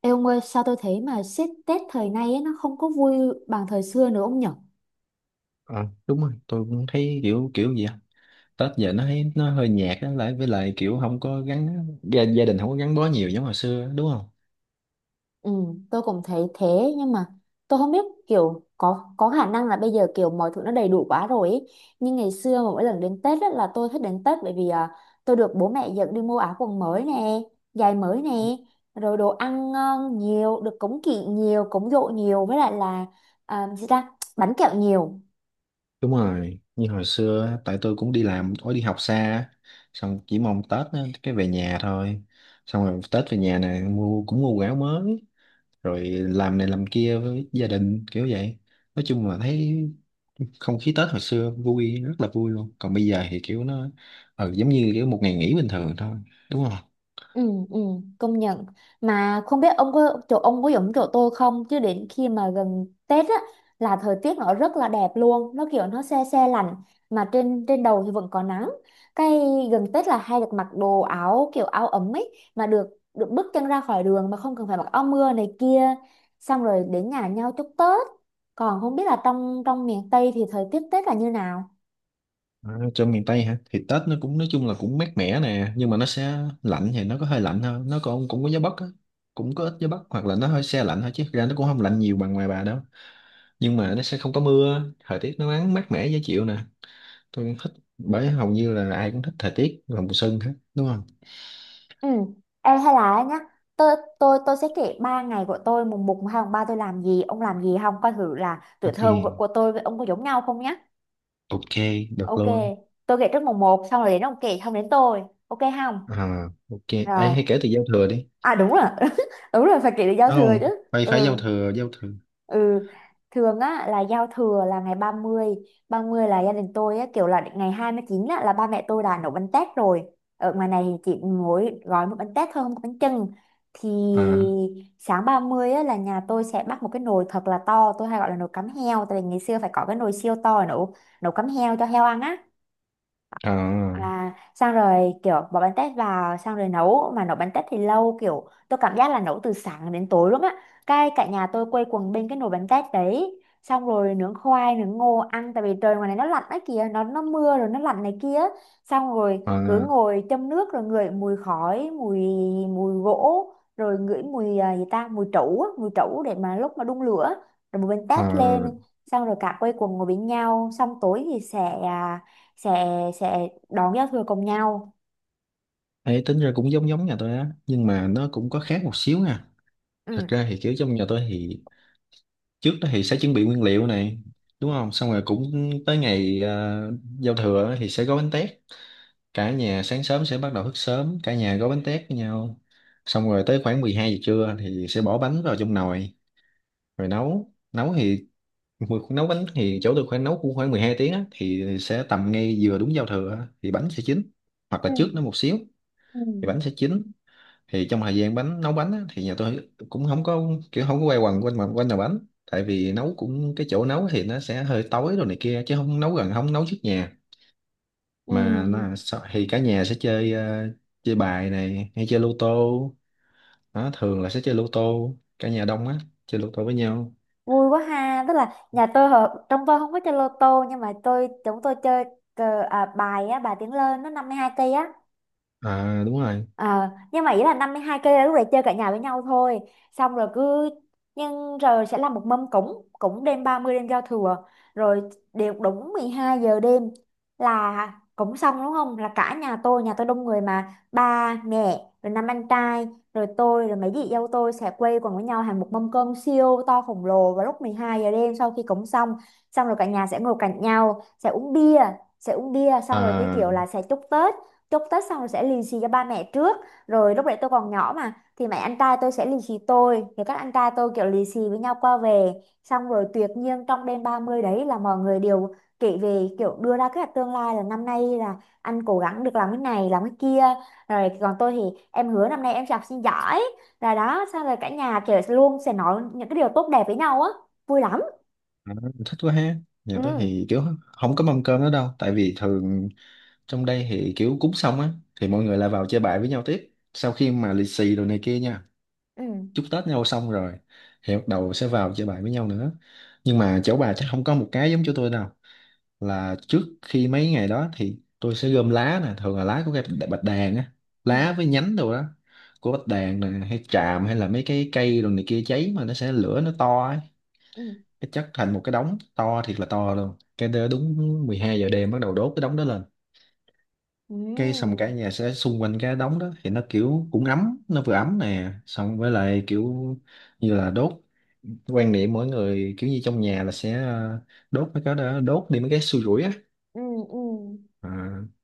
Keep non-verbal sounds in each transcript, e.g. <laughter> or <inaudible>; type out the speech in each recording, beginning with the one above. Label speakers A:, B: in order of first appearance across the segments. A: Ê ông ơi, sao tôi thấy mà xếp Tết thời nay ấy, nó không có vui bằng thời xưa nữa ông nhở?
B: Ờ, đúng rồi, tôi cũng thấy kiểu kiểu gì á. Tết giờ nó thấy nó hơi nhạt á, lại với lại kiểu không có gắn gia đình, không có gắn bó nhiều giống hồi xưa á, đúng không?
A: Ừ, tôi cũng thấy thế. Nhưng mà tôi không biết kiểu có khả năng là bây giờ kiểu mọi thứ nó đầy đủ quá rồi ấy. Nhưng ngày xưa mà mỗi lần đến Tết á, là tôi thích đến Tết bởi vì tôi được bố mẹ dẫn đi mua áo quần mới nè, giày mới nè, rồi đồ ăn ngon nhiều, được cúng kỵ nhiều, cúng giỗ nhiều với lại là à, gì ta? Bánh kẹo nhiều.
B: Đúng rồi, như hồi xưa á, tại tôi cũng đi làm, tôi đi học xa á. Xong chỉ mong Tết á, cái về nhà thôi. Xong rồi Tết về nhà này, mua cũng mua quần áo mới, rồi làm này làm kia với gia đình kiểu vậy. Nói chung là thấy không khí Tết hồi xưa vui, rất là vui luôn, còn bây giờ thì kiểu nó giống như kiểu một ngày nghỉ bình thường thôi, đúng không?
A: Ừ, ừ, công nhận. Mà không biết ông có chỗ ông có giống chỗ tôi không, chứ đến khi mà gần Tết á là thời tiết nó rất là đẹp luôn, nó kiểu nó se se lạnh mà trên trên đầu thì vẫn có nắng. Cái gần Tết là hay được mặc đồ áo kiểu áo ấm ấy, mà được được bước chân ra khỏi đường mà không cần phải mặc áo mưa này kia, xong rồi đến nhà nhau chúc Tết. Còn không biết là trong trong miền Tây thì thời tiết Tết là như nào?
B: À, cho miền Tây hả? Thì Tết nó cũng nói chung là cũng mát mẻ nè, nhưng mà nó sẽ lạnh thì nó có hơi lạnh hơn, nó còn cũng có gió Bắc á, cũng có ít gió Bắc, hoặc là nó hơi se lạnh thôi, chứ thực ra nó cũng không lạnh nhiều bằng ngoài bà đâu. Nhưng mà nó sẽ không có mưa, thời tiết nó nắng, mát mẻ dễ chịu nè. Tôi cũng thích, bởi hầu như là ai cũng thích thời tiết vào mùa xuân hết, đúng không?
A: Ừ. Ê, hay là á nhá, tôi sẽ kể 3 ngày của tôi, mùng một mùng hai mùng ba tôi làm gì ông làm gì, không coi thử là tuổi
B: Ok,
A: thơ của tôi với ông có giống nhau không nhá?
B: ok, được
A: Ok,
B: luôn.
A: tôi kể trước mùng một xong rồi đến ông kể xong đến tôi, ok không?
B: À, ok. Ấy,
A: Rồi.
B: hay kể từ giao thừa đi.
A: À, đúng rồi. <laughs> đúng rồi phải kể được giao
B: Đúng
A: thừa
B: không?
A: chứ.
B: Phải, phải giao
A: Ừ,
B: thừa, giao thừa.
A: Ừ, thường á là giao thừa là ngày 30. 30 là gia đình tôi á kiểu là ngày 29 á là ba mẹ tôi đã nấu bánh tét rồi. Ở ngoài này thì chỉ mỗi gói một bánh tét thôi không có bánh chưng. Thì
B: À,
A: sáng 30 á là nhà tôi sẽ bắt một cái nồi thật là to, tôi hay gọi là nồi cắm heo tại vì ngày xưa phải có cái nồi siêu to để nấu nấu cắm heo cho heo ăn á.
B: à,
A: À, xong rồi kiểu bỏ bánh tét vào xong rồi nấu, mà nấu bánh tét thì lâu kiểu tôi cảm giác là nấu từ sáng đến tối luôn á, cái cả nhà tôi quây quần bên cái nồi bánh tét đấy, xong rồi nướng khoai nướng ngô ăn tại vì trời ngoài này nó lạnh đấy kìa, nó mưa rồi nó lạnh này kia, xong rồi cứ
B: à,
A: ngồi châm nước rồi ngửi mùi khói, mùi mùi gỗ, rồi ngửi mùi à, gì ta, mùi trấu á, mùi trấu để mà lúc mà đun lửa rồi một bên tét
B: à.
A: lên, xong rồi cả quây quần ngồi bên nhau, xong tối thì sẽ sẽ đón giao thừa cùng nhau.
B: Ấy, tính ra cũng giống giống nhà tôi á, nhưng mà nó cũng có khác một xíu nha. Thật
A: Ừ.
B: ra thì kiểu trong nhà tôi thì trước đó thì sẽ chuẩn bị nguyên liệu này, đúng không? Xong rồi cũng tới ngày giao thừa á thì sẽ gói bánh tét. Cả nhà sáng sớm sẽ bắt đầu thức sớm, cả nhà gói bánh tét với nhau. Xong rồi tới khoảng 12 giờ trưa thì sẽ bỏ bánh vào trong nồi rồi nấu nấu thì nấu bánh thì chỗ tôi khoảng nấu cũng khoảng 12 tiếng á, thì sẽ tầm ngay vừa đúng giao thừa á, thì bánh sẽ chín, hoặc là
A: Ừ.
B: trước nó một xíu
A: Ừ.
B: thì bánh sẽ chín. Thì trong thời gian bánh nấu bánh á, thì nhà tôi cũng không có kiểu không có quay quần quanh, mà quanh nhà bánh tại vì nấu cũng, cái chỗ nấu thì nó sẽ hơi tối rồi này kia, chứ không nấu gần, không nấu trước nhà mà
A: Ừ,
B: nó, thì cả nhà sẽ chơi chơi bài này, hay chơi lô tô. Đó, thường là sẽ chơi lô tô, cả nhà đông á, chơi lô tô với nhau.
A: vui quá ha, tức là nhà tôi trong tôi không có chơi lô tô, nhưng mà chúng tôi chơi cờ, à, bài á, bài tiếng lên nó 52 cây á.
B: À đúng rồi.
A: Ờ, nhưng mà ý là 52 cây là lúc đấy chơi cả nhà với nhau thôi, xong rồi cứ, nhưng rồi sẽ làm một mâm cúng cúng đêm 30 đêm giao thừa, rồi đều đúng 12 giờ đêm là cúng xong đúng không, là cả nhà tôi đông người mà, ba mẹ rồi 5 anh trai rồi tôi rồi mấy chị dâu tôi sẽ quây quần với nhau, hàng một mâm cơm siêu to khổng lồ vào lúc 12 giờ đêm sau khi cúng xong. Xong rồi cả nhà sẽ ngồi cạnh nhau sẽ uống bia, xong rồi như
B: À.
A: kiểu là sẽ chúc Tết. Chúc Tết xong rồi sẽ lì xì cho ba mẹ trước, rồi lúc đấy tôi còn nhỏ mà thì mẹ, anh trai tôi sẽ lì xì tôi, rồi các anh trai tôi kiểu lì xì với nhau qua về, xong rồi tuyệt nhiên trong đêm 30 đấy là mọi người đều kể về, kiểu đưa ra kế hoạch tương lai, là năm nay là anh cố gắng được làm cái này làm cái kia, rồi còn tôi thì em hứa năm nay em sẽ học sinh giỏi, rồi đó xong rồi cả nhà kiểu luôn sẽ nói những cái điều tốt đẹp với nhau á, vui lắm.
B: À, thích quá ha.
A: Ừ.
B: Nhà tôi thì kiểu không có mâm cơm nữa đâu, tại vì thường trong đây thì kiểu cúng xong á thì mọi người lại vào chơi bài với nhau tiếp, sau khi mà lì xì đồ này kia nha,
A: Ừ.
B: chúc Tết nhau xong rồi thì bắt đầu sẽ vào chơi bài với nhau nữa. Nhưng mà chỗ bà chắc không có một cái giống chỗ tôi đâu, là trước khi mấy ngày đó thì tôi sẽ gom lá nè, thường là lá của cây bạch đàn á,
A: Ừ.
B: lá với nhánh đồ đó, của bạch đàn nè, hay tràm, hay là mấy cái cây đồ này kia cháy mà nó sẽ lửa nó to ấy,
A: Ừ.
B: cái chất thành một cái đống to thiệt là to luôn. Cái đế đúng 12 giờ đêm bắt đầu đốt cái đống đó lên.
A: Ừ.
B: Cái xong cả nhà sẽ xung quanh cái đống đó thì nó kiểu cũng ấm, nó vừa ấm nè, xong với lại kiểu như là đốt, quan niệm mỗi người kiểu như trong nhà là sẽ đốt mấy cái đó, đốt đi mấy cái xui rủi á.
A: Ừ. Ừ,
B: À,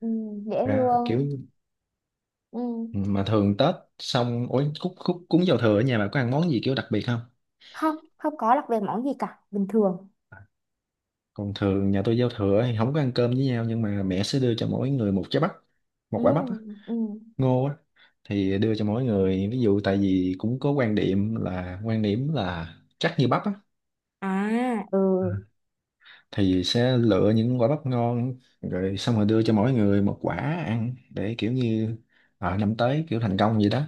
A: ừ. Ừ, dễ
B: ra kiểu.
A: thương. Ừ.
B: Ừ, mà thường Tết xong ối, cúng cúng cúng giao thừa ở nhà bà có ăn món gì kiểu đặc biệt không?
A: Không, không có lạc về món gì cả, bình thường.
B: Còn thường nhà tôi giao thừa thì không có ăn cơm với nhau, nhưng mà mẹ sẽ đưa cho mỗi người một trái bắp, một
A: Ừ.
B: quả bắp á.
A: Ừ.
B: Ngô á, thì đưa cho mỗi người, ví dụ tại vì cũng có quan điểm là, quan điểm là chắc như bắp á,
A: À, ừ.
B: thì sẽ lựa những quả bắp ngon rồi, xong rồi đưa cho mỗi người một quả ăn, để kiểu như ở năm tới kiểu thành công vậy đó.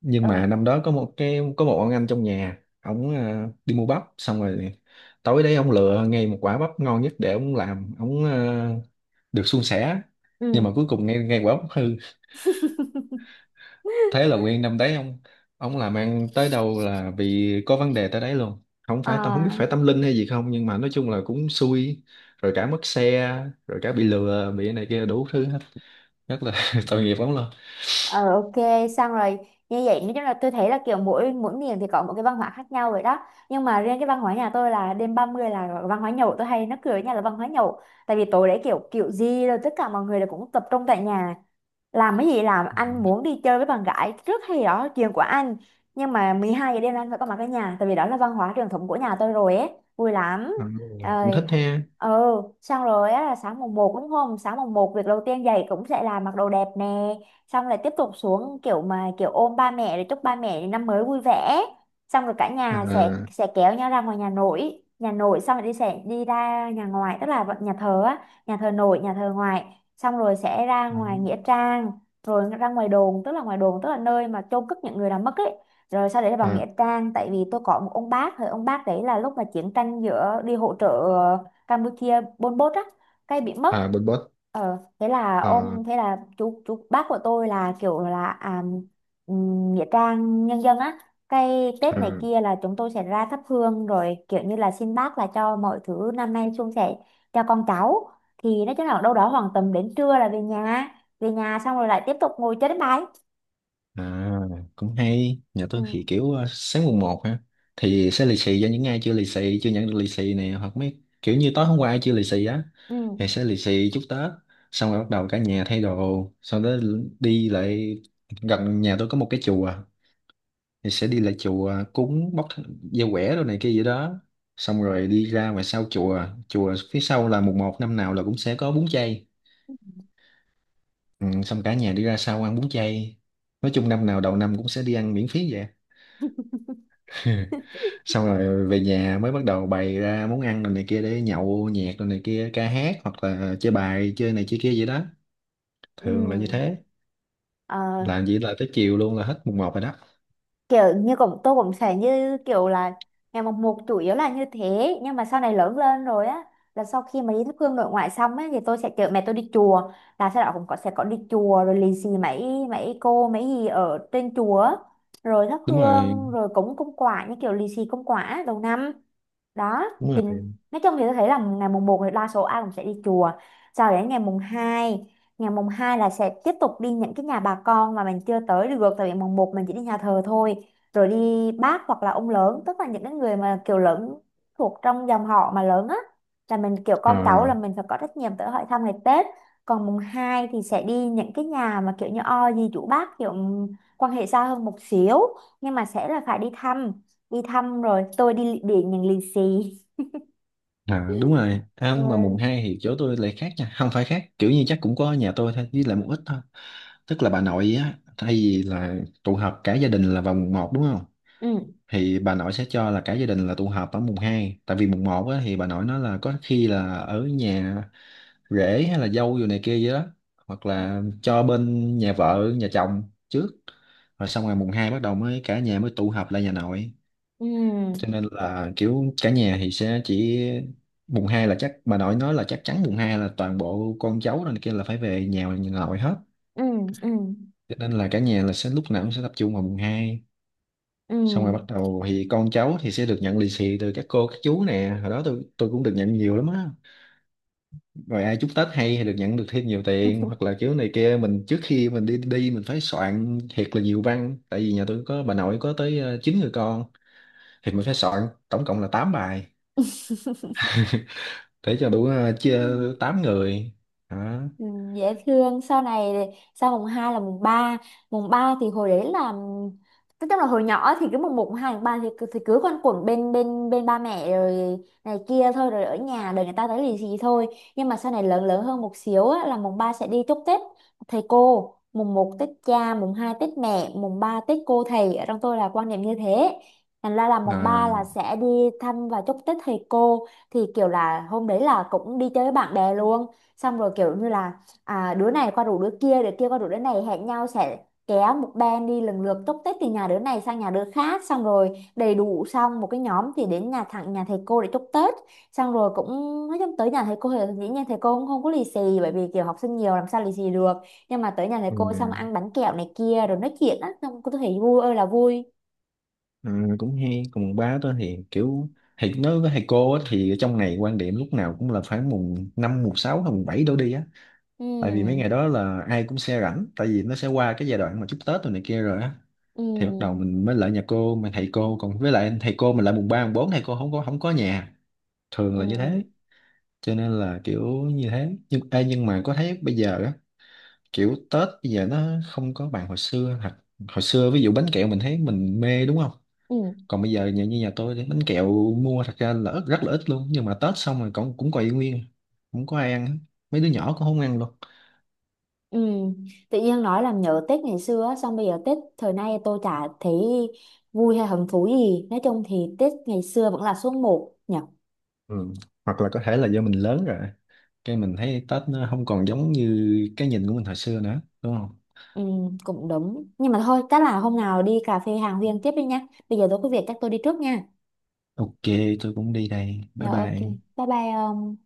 B: Nhưng mà
A: Ừ,
B: năm đó có một cái, có một ông anh trong nhà ổng đi mua bắp, xong rồi tối đấy ông lựa ngay một quả bắp ngon nhất để ông làm ông được suôn sẻ. Nhưng mà
A: ừ.
B: cuối cùng ngay ngay quả bắp hư. Thế là nguyên năm đấy ông làm ăn tới đâu là vì có vấn đề tới đấy luôn. Không phải tâm, không biết
A: À.
B: phải tâm linh hay gì không, nhưng mà nói chung là cũng xui, rồi cả mất xe, rồi cả bị lừa, bị cái này kia đủ thứ hết. Rất là <laughs> tội nghiệp lắm luôn.
A: Ờ, ok, xong rồi, như vậy nói chung là tôi thấy là kiểu mỗi mỗi miền thì có một cái văn hóa khác nhau rồi đó, nhưng mà riêng cái văn hóa nhà tôi là đêm 30 là văn hóa nhậu, tôi hay nó cười với nhau là văn hóa nhậu, tại vì tối đấy kiểu kiểu gì rồi tất cả mọi người là cũng tập trung tại nhà, làm cái gì làm,
B: Ừ.
A: anh muốn đi chơi với bạn gái rất hay đó chuyện của anh, nhưng mà 12 giờ đêm anh phải có mặt ở nhà, tại vì đó là văn hóa truyền thống của nhà tôi rồi ấy, vui lắm.
B: À, cũng
A: Rồi.
B: thích ha.
A: Ừ, xong rồi á là sáng mùng một đúng không, sáng mùng một việc đầu tiên dậy cũng sẽ là mặc đồ đẹp nè, xong lại tiếp tục xuống kiểu mà kiểu ôm ba mẹ để chúc ba mẹ năm mới vui vẻ, xong rồi cả nhà sẽ
B: À,
A: kéo nhau ra ngoài nhà nội, xong rồi sẽ đi ra nhà ngoài tức là nhà thờ á, nhà thờ nội nhà thờ ngoại, xong rồi sẽ ra ngoài nghĩa trang, rồi ra ngoài đồn, tức là ngoài đồn tức là nơi mà chôn cất những người đã mất ấy, rồi sau đấy là vào
B: à,
A: nghĩa trang, tại vì tôi có một ông bác thì ông bác đấy là lúc mà chiến tranh giữa đi hỗ trợ Campuchia Pol Pot á cái bị mất.
B: à, Bình Bốt.
A: Ờ thế là
B: À,
A: ông, thế là chú bác của tôi là kiểu là nghĩa trang nhân dân á, cái Tết này
B: à.
A: kia là chúng tôi sẽ ra thắp hương rồi kiểu như là xin bác là cho mọi thứ năm nay suôn sẻ cho con cháu, thì nói chung là đâu đó khoảng tầm đến trưa là về nhà. Xong rồi lại tiếp tục ngồi chơi đánh bài.
B: À, cũng hay. Nhà tôi
A: Ừ.
B: thì kiểu sáng mùng một ha. Thì sẽ lì xì cho những ai chưa lì xì, chưa nhận được lì xì này, hoặc mấy kiểu như tối hôm qua ai chưa lì xì á
A: Ừ.
B: thì sẽ lì xì chúc Tết. Xong rồi bắt đầu cả nhà thay đồ, sau đó đi lại, gần nhà tôi có một cái chùa, thì sẽ đi lại chùa cúng, bóc dao quẻ đồ này kia vậy đó. Xong rồi đi ra ngoài sau chùa, chùa phía sau là mùng một năm nào là cũng sẽ có bún chay. Ừ, xong cả nhà đi ra sau ăn bún chay. Nói chung năm nào đầu năm cũng sẽ đi ăn miễn phí vậy á. <laughs>
A: <laughs>
B: Xong rồi về nhà mới bắt đầu bày ra món ăn rồi này kia để nhậu nhẹt, rồi này kia ca hát, hoặc là chơi bài, chơi này chơi kia vậy đó, thường là như
A: Ừ.
B: thế.
A: Ờ,
B: Làm gì là tới chiều luôn, là hết mùng một rồi đó.
A: kiểu như tôi cũng sẽ như kiểu là ngày mồng một chủ yếu là như thế, nhưng mà sau này lớn lên rồi á là sau khi mà đi thắp hương nội ngoại xong ấy thì tôi sẽ chở mẹ tôi đi chùa, là sau đó cũng có sẽ có đi chùa rồi lì xì mấy mấy cô mấy gì ở trên chùa á, rồi thắp
B: Đúng rồi,
A: hương rồi cúng cúng quả như kiểu lì xì cúng quả đầu năm đó.
B: đúng
A: Thì
B: rồi.
A: nói chung thì tôi thấy là ngày mùng một thì đa số ai cũng sẽ đi chùa, sau đến ngày mùng hai là sẽ tiếp tục đi những cái nhà bà con mà mình chưa tới được, tại vì mùng một mình chỉ đi nhà thờ thôi, rồi đi bác hoặc là ông lớn, tức là những cái người mà kiểu lớn thuộc trong dòng họ mà lớn á, là mình kiểu con cháu là
B: À,
A: mình phải có trách nhiệm tới hỏi thăm ngày Tết. Còn mùng 2 thì sẽ đi những cái nhà mà kiểu như o dì chú bác, kiểu quan hệ xa hơn một xíu, nhưng mà sẽ là phải đi thăm, rồi tôi đi điện những lì xì.
B: à đúng rồi. À, mà mùng
A: Ừ.
B: hai thì chỗ tôi lại khác nha, không phải khác, kiểu như chắc cũng có nhà tôi thôi, với lại một ít thôi. Tức là bà nội á, thay vì là tụ họp cả gia đình là vào mùng một đúng không,
A: Ừ.
B: thì bà nội sẽ cho là cả gia đình là tụ họp ở mùng hai. Tại vì mùng một á, thì bà nội nói là có khi là ở nhà rễ, hay là dâu vô này kia gì đó, hoặc là cho bên nhà vợ nhà chồng trước. Rồi xong ngày mùng hai bắt đầu mới cả nhà mới tụ họp lại nhà nội. Cho
A: Ừ.
B: nên là kiểu cả nhà thì sẽ chỉ mùng hai, là chắc bà nội nói là chắc chắn mùng hai là toàn bộ con cháu rồi này kia là phải về nhà nhà nội hết.
A: Ừ.
B: Cho nên là cả nhà là sẽ lúc nào cũng sẽ tập trung vào mùng hai.
A: Ừ.
B: Xong rồi bắt đầu thì con cháu thì sẽ được nhận lì xì từ các cô các chú nè, hồi đó tôi cũng được nhận nhiều lắm á. Rồi ai chúc Tết hay thì được nhận được thêm nhiều tiền, hoặc là kiểu này kia, mình trước khi mình đi, mình phải soạn thiệt là nhiều văn, tại vì nhà tôi có bà nội có tới 9 người con, thì mình phải soạn tổng cộng là 8 bài để cho đủ
A: Ừ.
B: chia
A: <laughs>
B: 8 người đó.
A: Ừ, dễ thương. Sau này, sau mùng 2 là mùng ba. Mùng 3 thì hồi đấy là tức tức là hồi nhỏ thì cứ mùng một mùng 2 mùng 3 thì, thì cứ quanh quẩn bên bên bên ba mẹ rồi này kia thôi, rồi ở nhà đợi người ta tới lì xì thôi. Nhưng mà sau này lớn lớn hơn một xíu á, là mùng 3 sẽ đi chúc Tết thầy cô, mùng một Tết cha mùng 2 Tết mẹ mùng 3 Tết cô thầy, ở trong tôi là quan niệm như thế, thành ra là mùng
B: À,
A: 3 là sẽ đi thăm và chúc Tết thầy cô. Thì kiểu là hôm đấy là cũng đi chơi với bạn bè luôn, xong rồi kiểu như là đứa này qua rủ đứa kia, đứa kia qua rủ đứa này, hẹn nhau sẽ kéo một band đi lần lượt túc tết từ nhà đứa này sang nhà đứa khác, xong rồi đầy đủ xong một cái nhóm thì đến nhà thầy cô để chúc Tết. Xong rồi cũng, nói chung tới nhà thầy cô thì dĩ nhiên thầy cô cũng không có lì xì bởi vì kiểu học sinh nhiều làm sao lì xì được, nhưng mà tới nhà thầy
B: ừ,
A: cô xong ăn bánh kẹo này kia rồi nói chuyện á xong cô thấy vui ơi là vui.
B: ừ, cũng hay. Còn ba tôi thì kiểu, thì nói với thầy cô á, thì ở trong này quan điểm lúc nào cũng là khoảng mùng 5 mùng 6 hay mùng 7 đổ đi á. Tại vì mấy
A: Ừ.
B: ngày đó là ai cũng sẽ rảnh, tại vì nó sẽ qua cái giai đoạn mà chúc Tết rồi này kia rồi á,
A: Ừ.
B: thì bắt đầu mình mới lại nhà cô mà thầy cô còn, với lại thầy cô mình lại mùng ba mùng bốn thầy cô không có nhà, thường là như
A: Ừ.
B: thế. Cho nên là kiểu như thế. Nhưng ê, nhưng mà có thấy bây giờ á, kiểu Tết bây giờ nó không có bằng hồi xưa thật. Hồi xưa ví dụ bánh kẹo mình thấy mình mê đúng không,
A: Ừ.
B: còn bây giờ nhà như nhà tôi thì bánh kẹo mua thật ra là ít, rất là ít luôn, nhưng mà Tết xong rồi cũng cũng còn nguyên, không có ai ăn, mấy đứa nhỏ cũng không ăn luôn.
A: Ừ, tự nhiên nói làm nhớ Tết ngày xưa á, xong bây giờ Tết thời nay tôi chả thấy vui hay hứng thú gì, nói chung thì Tết ngày xưa vẫn là số một nhỉ.
B: Ừ. Hoặc là có thể là do mình lớn rồi, cái mình thấy Tết nó không còn giống như cái nhìn của mình hồi xưa nữa, đúng không?
A: Ừ, cũng đúng, nhưng mà thôi chắc là hôm nào đi cà phê hàng huyên tiếp đi nha, bây giờ tôi có việc chắc tôi đi trước nha.
B: Ok, tôi cũng đi đây. Bye
A: Dạ ok,
B: bye.
A: bye bye ông.